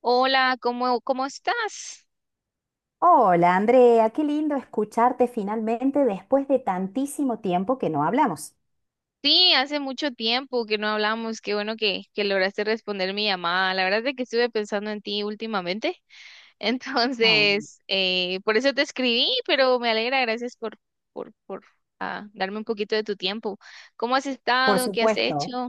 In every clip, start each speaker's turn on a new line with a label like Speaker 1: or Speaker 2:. Speaker 1: Hola, ¿cómo, cómo estás?
Speaker 2: Hola Andrea, qué lindo escucharte finalmente después de tantísimo tiempo que no hablamos.
Speaker 1: Sí, hace mucho tiempo que no hablamos. Qué bueno que lograste responder mi llamada. La verdad es que estuve pensando en ti últimamente.
Speaker 2: Ah,
Speaker 1: Entonces, por eso te escribí, pero me alegra. Gracias por darme un poquito de tu tiempo. ¿Cómo has
Speaker 2: por
Speaker 1: estado? ¿Qué has
Speaker 2: supuesto.
Speaker 1: hecho?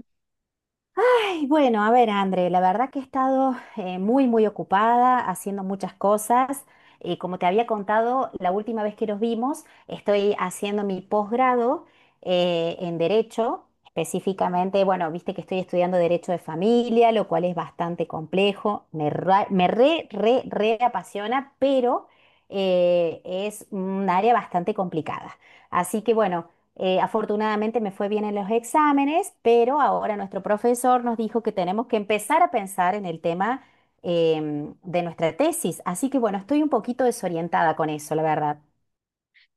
Speaker 2: Ay, bueno, a ver, André, la verdad que he estado muy, muy ocupada haciendo muchas cosas. Como te había contado, la última vez que nos vimos, estoy haciendo mi posgrado en Derecho, específicamente, bueno, viste que estoy estudiando Derecho de Familia, lo cual es bastante complejo, me re apasiona, pero es un área bastante complicada. Así que bueno. Afortunadamente me fue bien en los exámenes, pero ahora nuestro profesor nos dijo que tenemos que empezar a pensar en el tema de nuestra tesis. Así que bueno, estoy un poquito desorientada con eso, la verdad.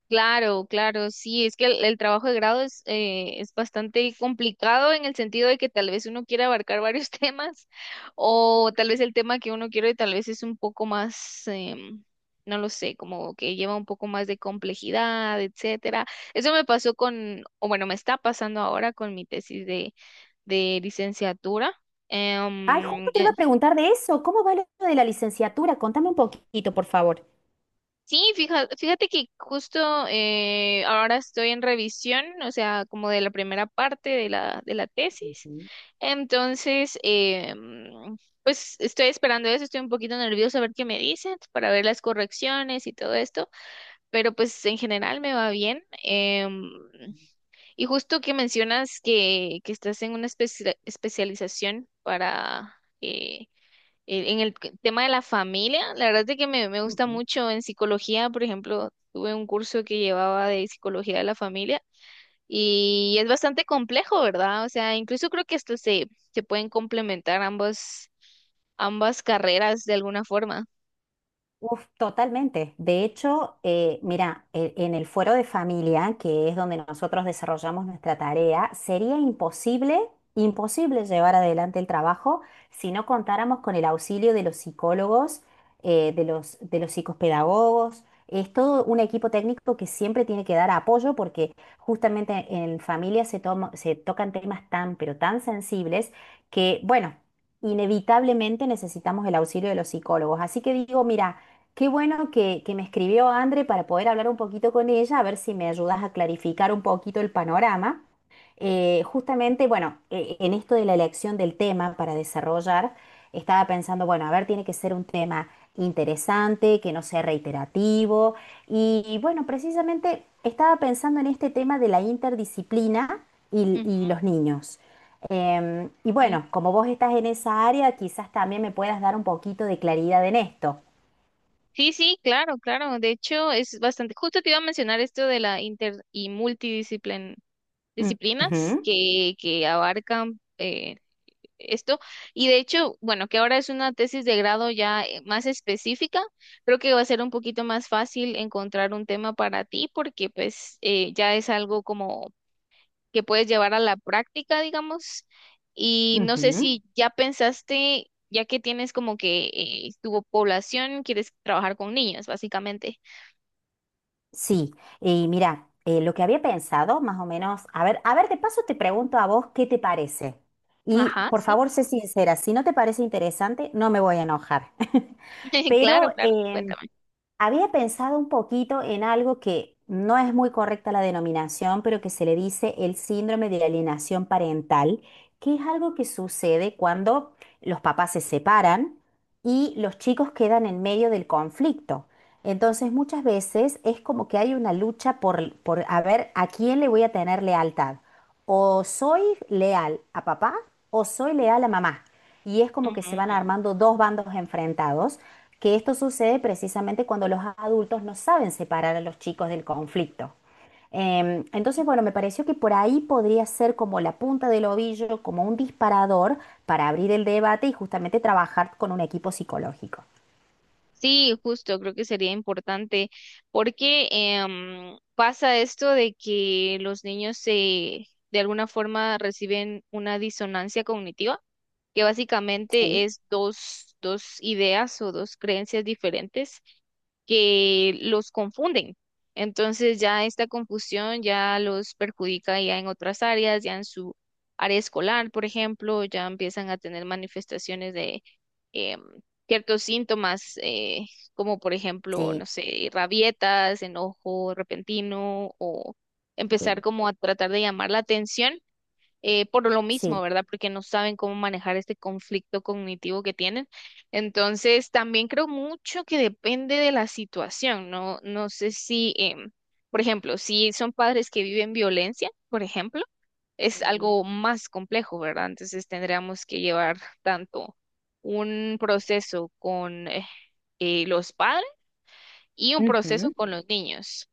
Speaker 1: Claro, claro, sí, es que el trabajo de grado es bastante complicado en el sentido de que tal vez uno quiere abarcar varios temas o tal vez el tema que uno quiere tal vez es un poco más, no lo sé, como que lleva un poco más de complejidad, etcétera. Eso me pasó con, o bueno, me está pasando ahora con mi tesis de licenciatura.
Speaker 2: Ay,
Speaker 1: Em,
Speaker 2: justo te iba a preguntar de eso. ¿Cómo va lo de la licenciatura? Contame un poquito, por favor.
Speaker 1: Sí, fíjate, fíjate que justo ahora estoy en revisión, o sea, como de la primera parte de la tesis.
Speaker 2: Ujú,
Speaker 1: Entonces, eh, mm, pues estoy esperando eso, estoy un poquito nerviosa a ver qué me dicen para ver las correcciones y todo esto, pero pues en general me va bien. Y justo que mencionas que estás en una especialización para... eh, En el tema de la familia, la verdad es que me gusta
Speaker 2: ujú.
Speaker 1: mucho en psicología, por ejemplo, tuve un curso que llevaba de psicología de la familia y es bastante complejo, ¿verdad? O sea, incluso creo que esto se, se pueden complementar ambas ambas carreras de alguna forma.
Speaker 2: Uf, totalmente. De hecho, mira, en el fuero de familia, que es donde nosotros desarrollamos nuestra tarea, sería imposible, imposible llevar adelante el trabajo si no contáramos con el auxilio de los psicólogos, de de los psicopedagogos. Es todo un equipo técnico que siempre tiene que dar apoyo porque justamente en familia se tocan temas tan, pero tan sensibles que, bueno, inevitablemente necesitamos el auxilio de los psicólogos. Así que digo, mira, qué bueno que me escribió Andre para poder hablar un poquito con ella, a ver si me ayudas a clarificar un poquito el panorama. Justamente, bueno, en esto de la elección del tema para desarrollar, estaba pensando, bueno, a ver, tiene que ser un tema interesante, que no sea reiterativo. Y bueno, precisamente estaba pensando en este tema de la interdisciplina y los niños. Y
Speaker 1: Ujú.
Speaker 2: bueno, como vos estás en esa área, quizás también me puedas dar un poquito de claridad en esto.
Speaker 1: Sí, sí, claro, claro. De hecho, es bastante. Justo te iba a mencionar esto de la inter y multidisciplin disciplinas
Speaker 2: Ujú,
Speaker 1: que abarcan esto. Y de hecho, bueno, que ahora es una tesis de grado ya más específica, creo que va a ser un poquito más fácil encontrar un tema para ti porque pues ya es algo como que puedes llevar a la práctica, digamos. Y no sé
Speaker 2: ujú.
Speaker 1: si ya pensaste, ya que tienes como que tu población, quieres trabajar con niños, básicamente.
Speaker 2: Sí, y mira, lo que había pensado, más o menos, a ver, de paso te pregunto a vos qué te parece. Y
Speaker 1: Ajá,
Speaker 2: por
Speaker 1: sí.
Speaker 2: favor, sé sincera, si no te parece interesante, no me voy a enojar. Pero
Speaker 1: Claro, claro,
Speaker 2: había pensado un poquito en algo que no es muy correcta la denominación, pero que se le dice el síndrome de alienación parental, que es algo que sucede cuando los papás se separan y los chicos quedan en medio del conflicto. Entonces muchas veces es como que hay una lucha por a ver a quién le voy a tener lealtad. O soy leal a papá o soy leal a mamá. Y es como que se van
Speaker 1: cuéntame.
Speaker 2: armando dos bandos enfrentados, que esto sucede precisamente cuando los adultos no saben separar a los chicos del conflicto. Entonces, bueno, me pareció que por ahí podría ser como la punta del ovillo, como un disparador para abrir el debate y justamente trabajar con un equipo psicológico.
Speaker 1: Sí, justo, creo que sería importante porque pasa esto de que los niños se, de alguna forma reciben una disonancia cognitiva, que básicamente
Speaker 2: Sí.
Speaker 1: es dos, dos ideas o dos creencias diferentes que los confunden. Entonces ya esta confusión ya los perjudica ya en otras áreas, ya en su área escolar, por ejemplo, ya empiezan a tener manifestaciones de em, ciertos síntomas, como por ejemplo,
Speaker 2: Sí,
Speaker 1: no sé, rabietas, enojo repentino o empezar
Speaker 2: sí,
Speaker 1: como a tratar de llamar la atención por lo mismo,
Speaker 2: sí.
Speaker 1: ¿verdad? Porque no saben cómo manejar este conflicto cognitivo que tienen. Entonces, también creo mucho que depende de la situación, ¿no? No sé si, por ejemplo, si son padres que viven violencia, por ejemplo, es
Speaker 2: Mm.
Speaker 1: algo más complejo, ¿verdad? Entonces, tendríamos que llevar tanto un proceso con los padres y un proceso
Speaker 2: Ujú.
Speaker 1: con los niños.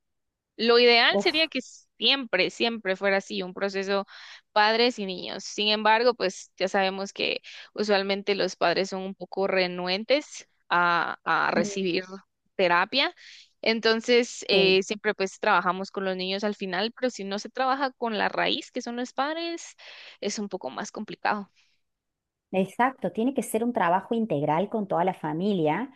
Speaker 1: Lo ideal sería
Speaker 2: Uf.
Speaker 1: que siempre, siempre fuera así, un proceso padres y niños. Sin embargo, pues ya sabemos que usualmente los padres son un poco renuentes a
Speaker 2: Mm.
Speaker 1: recibir terapia. Entonces,
Speaker 2: Sí.
Speaker 1: siempre pues trabajamos con los niños al final, pero si no se trabaja con la raíz, que son los padres, es un poco más complicado.
Speaker 2: Exacto, tiene que ser un trabajo integral con toda la familia.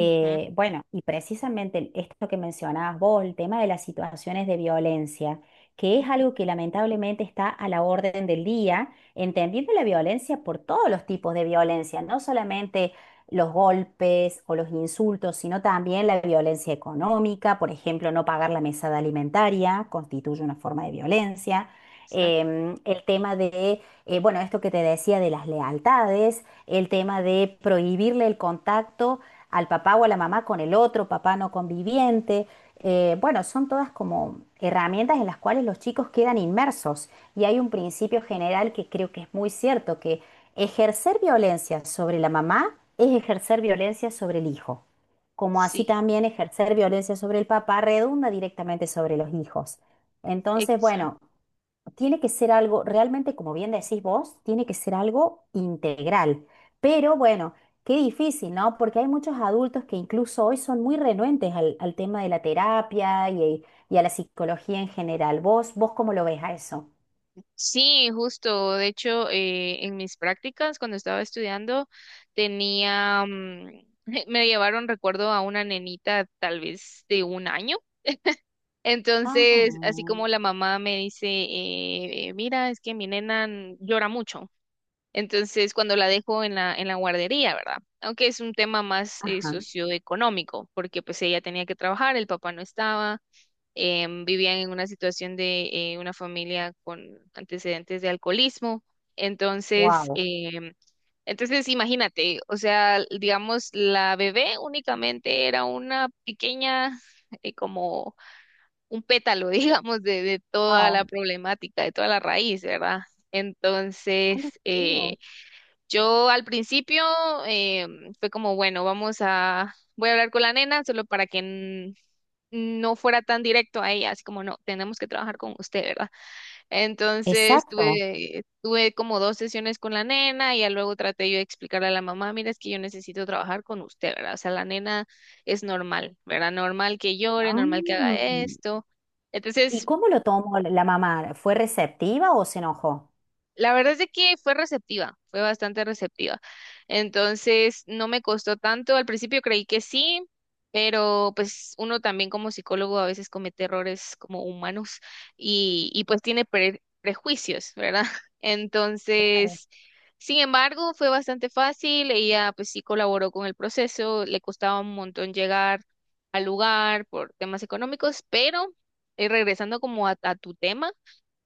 Speaker 1: Ujú,
Speaker 2: Bueno, y precisamente esto que mencionabas vos, el tema de las situaciones de violencia, que es
Speaker 1: ujú,
Speaker 2: algo que lamentablemente está a la orden del día, entendiendo la violencia por todos los tipos de violencia, no solamente los golpes o los insultos, sino también la violencia económica, por ejemplo, no pagar la mesada alimentaria constituye una forma de violencia.
Speaker 1: exacto.
Speaker 2: El tema de bueno, esto que te decía de las lealtades, el tema de prohibirle el contacto al papá o a la mamá con el otro papá no conviviente. Bueno, son todas como herramientas en las cuales los chicos quedan inmersos y hay un principio general que creo que es muy cierto, que ejercer violencia sobre la mamá es ejercer violencia sobre el hijo, como así
Speaker 1: Sí,
Speaker 2: también ejercer violencia sobre el papá redunda directamente sobre los hijos. Entonces,
Speaker 1: exacto.
Speaker 2: bueno, tiene que ser algo, realmente, como bien decís vos, tiene que ser algo integral. Pero bueno, qué difícil, ¿no? Porque hay muchos adultos que incluso hoy son muy renuentes al tema de la terapia y a la psicología en general. Vos cómo lo ves a eso?
Speaker 1: Sí, justo. De hecho, en mis prácticas, cuando estaba estudiando, tenía, mm, me llevaron, recuerdo, a una nenita tal vez de un año.
Speaker 2: Ah,
Speaker 1: Entonces, así como la mamá me dice, mira, es que mi nena llora mucho. Entonces, cuando la dejo en la guardería, ¿verdad? Aunque es un tema más
Speaker 2: ajá,
Speaker 1: socioeconómico, porque pues ella tenía que trabajar, el papá no estaba vivían en una situación de una familia con antecedentes de alcoholismo. Entonces,
Speaker 2: wow.
Speaker 1: em, entonces imagínate, o sea, digamos, la bebé únicamente era una pequeña, como un pétalo, digamos, de toda
Speaker 2: Ah,
Speaker 1: la problemática, de toda la raíz, ¿verdad?
Speaker 2: ah, lo
Speaker 1: Entonces,
Speaker 2: creo.
Speaker 1: yo al principio fue como, bueno, vamos a, voy a hablar con la nena solo para que no fuera tan directo a ella, así como no, tenemos que trabajar con usted, ¿verdad? Entonces
Speaker 2: Exacto.
Speaker 1: tuve, tuve como dos sesiones con la nena y ya luego traté yo de explicarle a la mamá, mira, es que yo necesito trabajar con usted, ¿verdad? O sea, la nena es normal, ¿verdad? Normal que llore,
Speaker 2: Ah.
Speaker 1: normal que haga esto.
Speaker 2: ¿Y
Speaker 1: Entonces
Speaker 2: cómo lo tomó la mamá? ¿Fue receptiva o se enojó?
Speaker 1: la verdad es de que fue receptiva, fue bastante receptiva. Entonces, no me costó tanto. Al principio creí que sí, pero pues uno también como psicólogo a veces comete errores como humanos y pues tiene prejuicios, ¿verdad?
Speaker 2: Claro.
Speaker 1: Entonces, sin embargo, fue bastante fácil. Ella pues sí colaboró con el proceso, le costaba un montón llegar al lugar por temas económicos, pero regresando como a tu tema.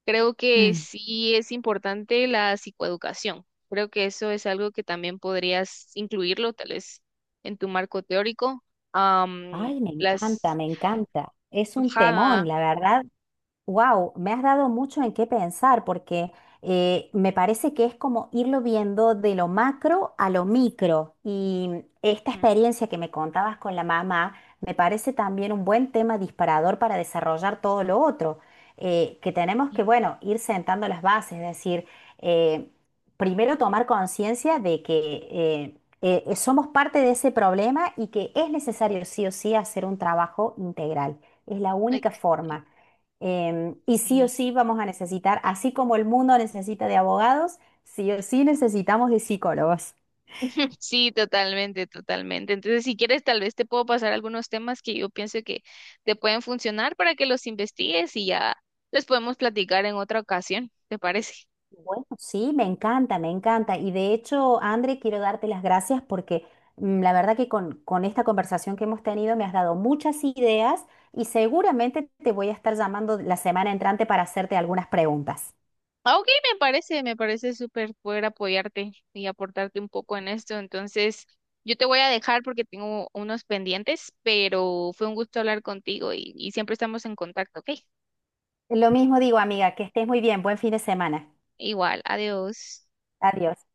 Speaker 1: Creo que sí es importante la psicoeducación. Creo que eso es algo que también podrías incluirlo, tal vez, en tu marco teórico. Am,
Speaker 2: Ay, me encanta,
Speaker 1: las...
Speaker 2: me encanta. Es un
Speaker 1: Ajá.
Speaker 2: temón, la verdad. Wow, me has dado mucho en qué pensar porque me parece que es como irlo viendo de lo macro a lo micro. Y esta
Speaker 1: Ujú.
Speaker 2: experiencia que me contabas con la mamá me parece también un buen tema disparador para desarrollar todo lo otro. Que tenemos que, bueno, ir sentando las bases, es decir, eh, primero tomar conciencia de que somos parte de ese problema y que es necesario sí o sí hacer un trabajo integral. Es la
Speaker 1: Ay,
Speaker 2: única forma. Y sí o
Speaker 1: sí.
Speaker 2: sí vamos a necesitar, así como el mundo necesita de abogados, sí o sí necesitamos de psicólogos.
Speaker 1: Sí, totalmente, totalmente. Entonces, si quieres, tal vez te puedo pasar algunos temas que yo pienso que te pueden funcionar para que los investigues y ya les podemos platicar en otra ocasión. ¿Te parece?
Speaker 2: Bueno, sí, me encanta, me encanta. Y de hecho, André, quiero darte las gracias porque la verdad que con esta conversación que hemos tenido me has dado muchas ideas y seguramente te voy a estar llamando la semana entrante para hacerte algunas preguntas.
Speaker 1: Ah, ok, me parece súper poder apoyarte y aportarte un poco en esto. Entonces, yo te voy a dejar porque tengo unos pendientes, pero fue un gusto hablar contigo y siempre estamos en contacto, ¿ok?
Speaker 2: Lo mismo digo, amiga, que estés muy bien. Buen fin de semana.
Speaker 1: Igual, adiós.
Speaker 2: Adiós.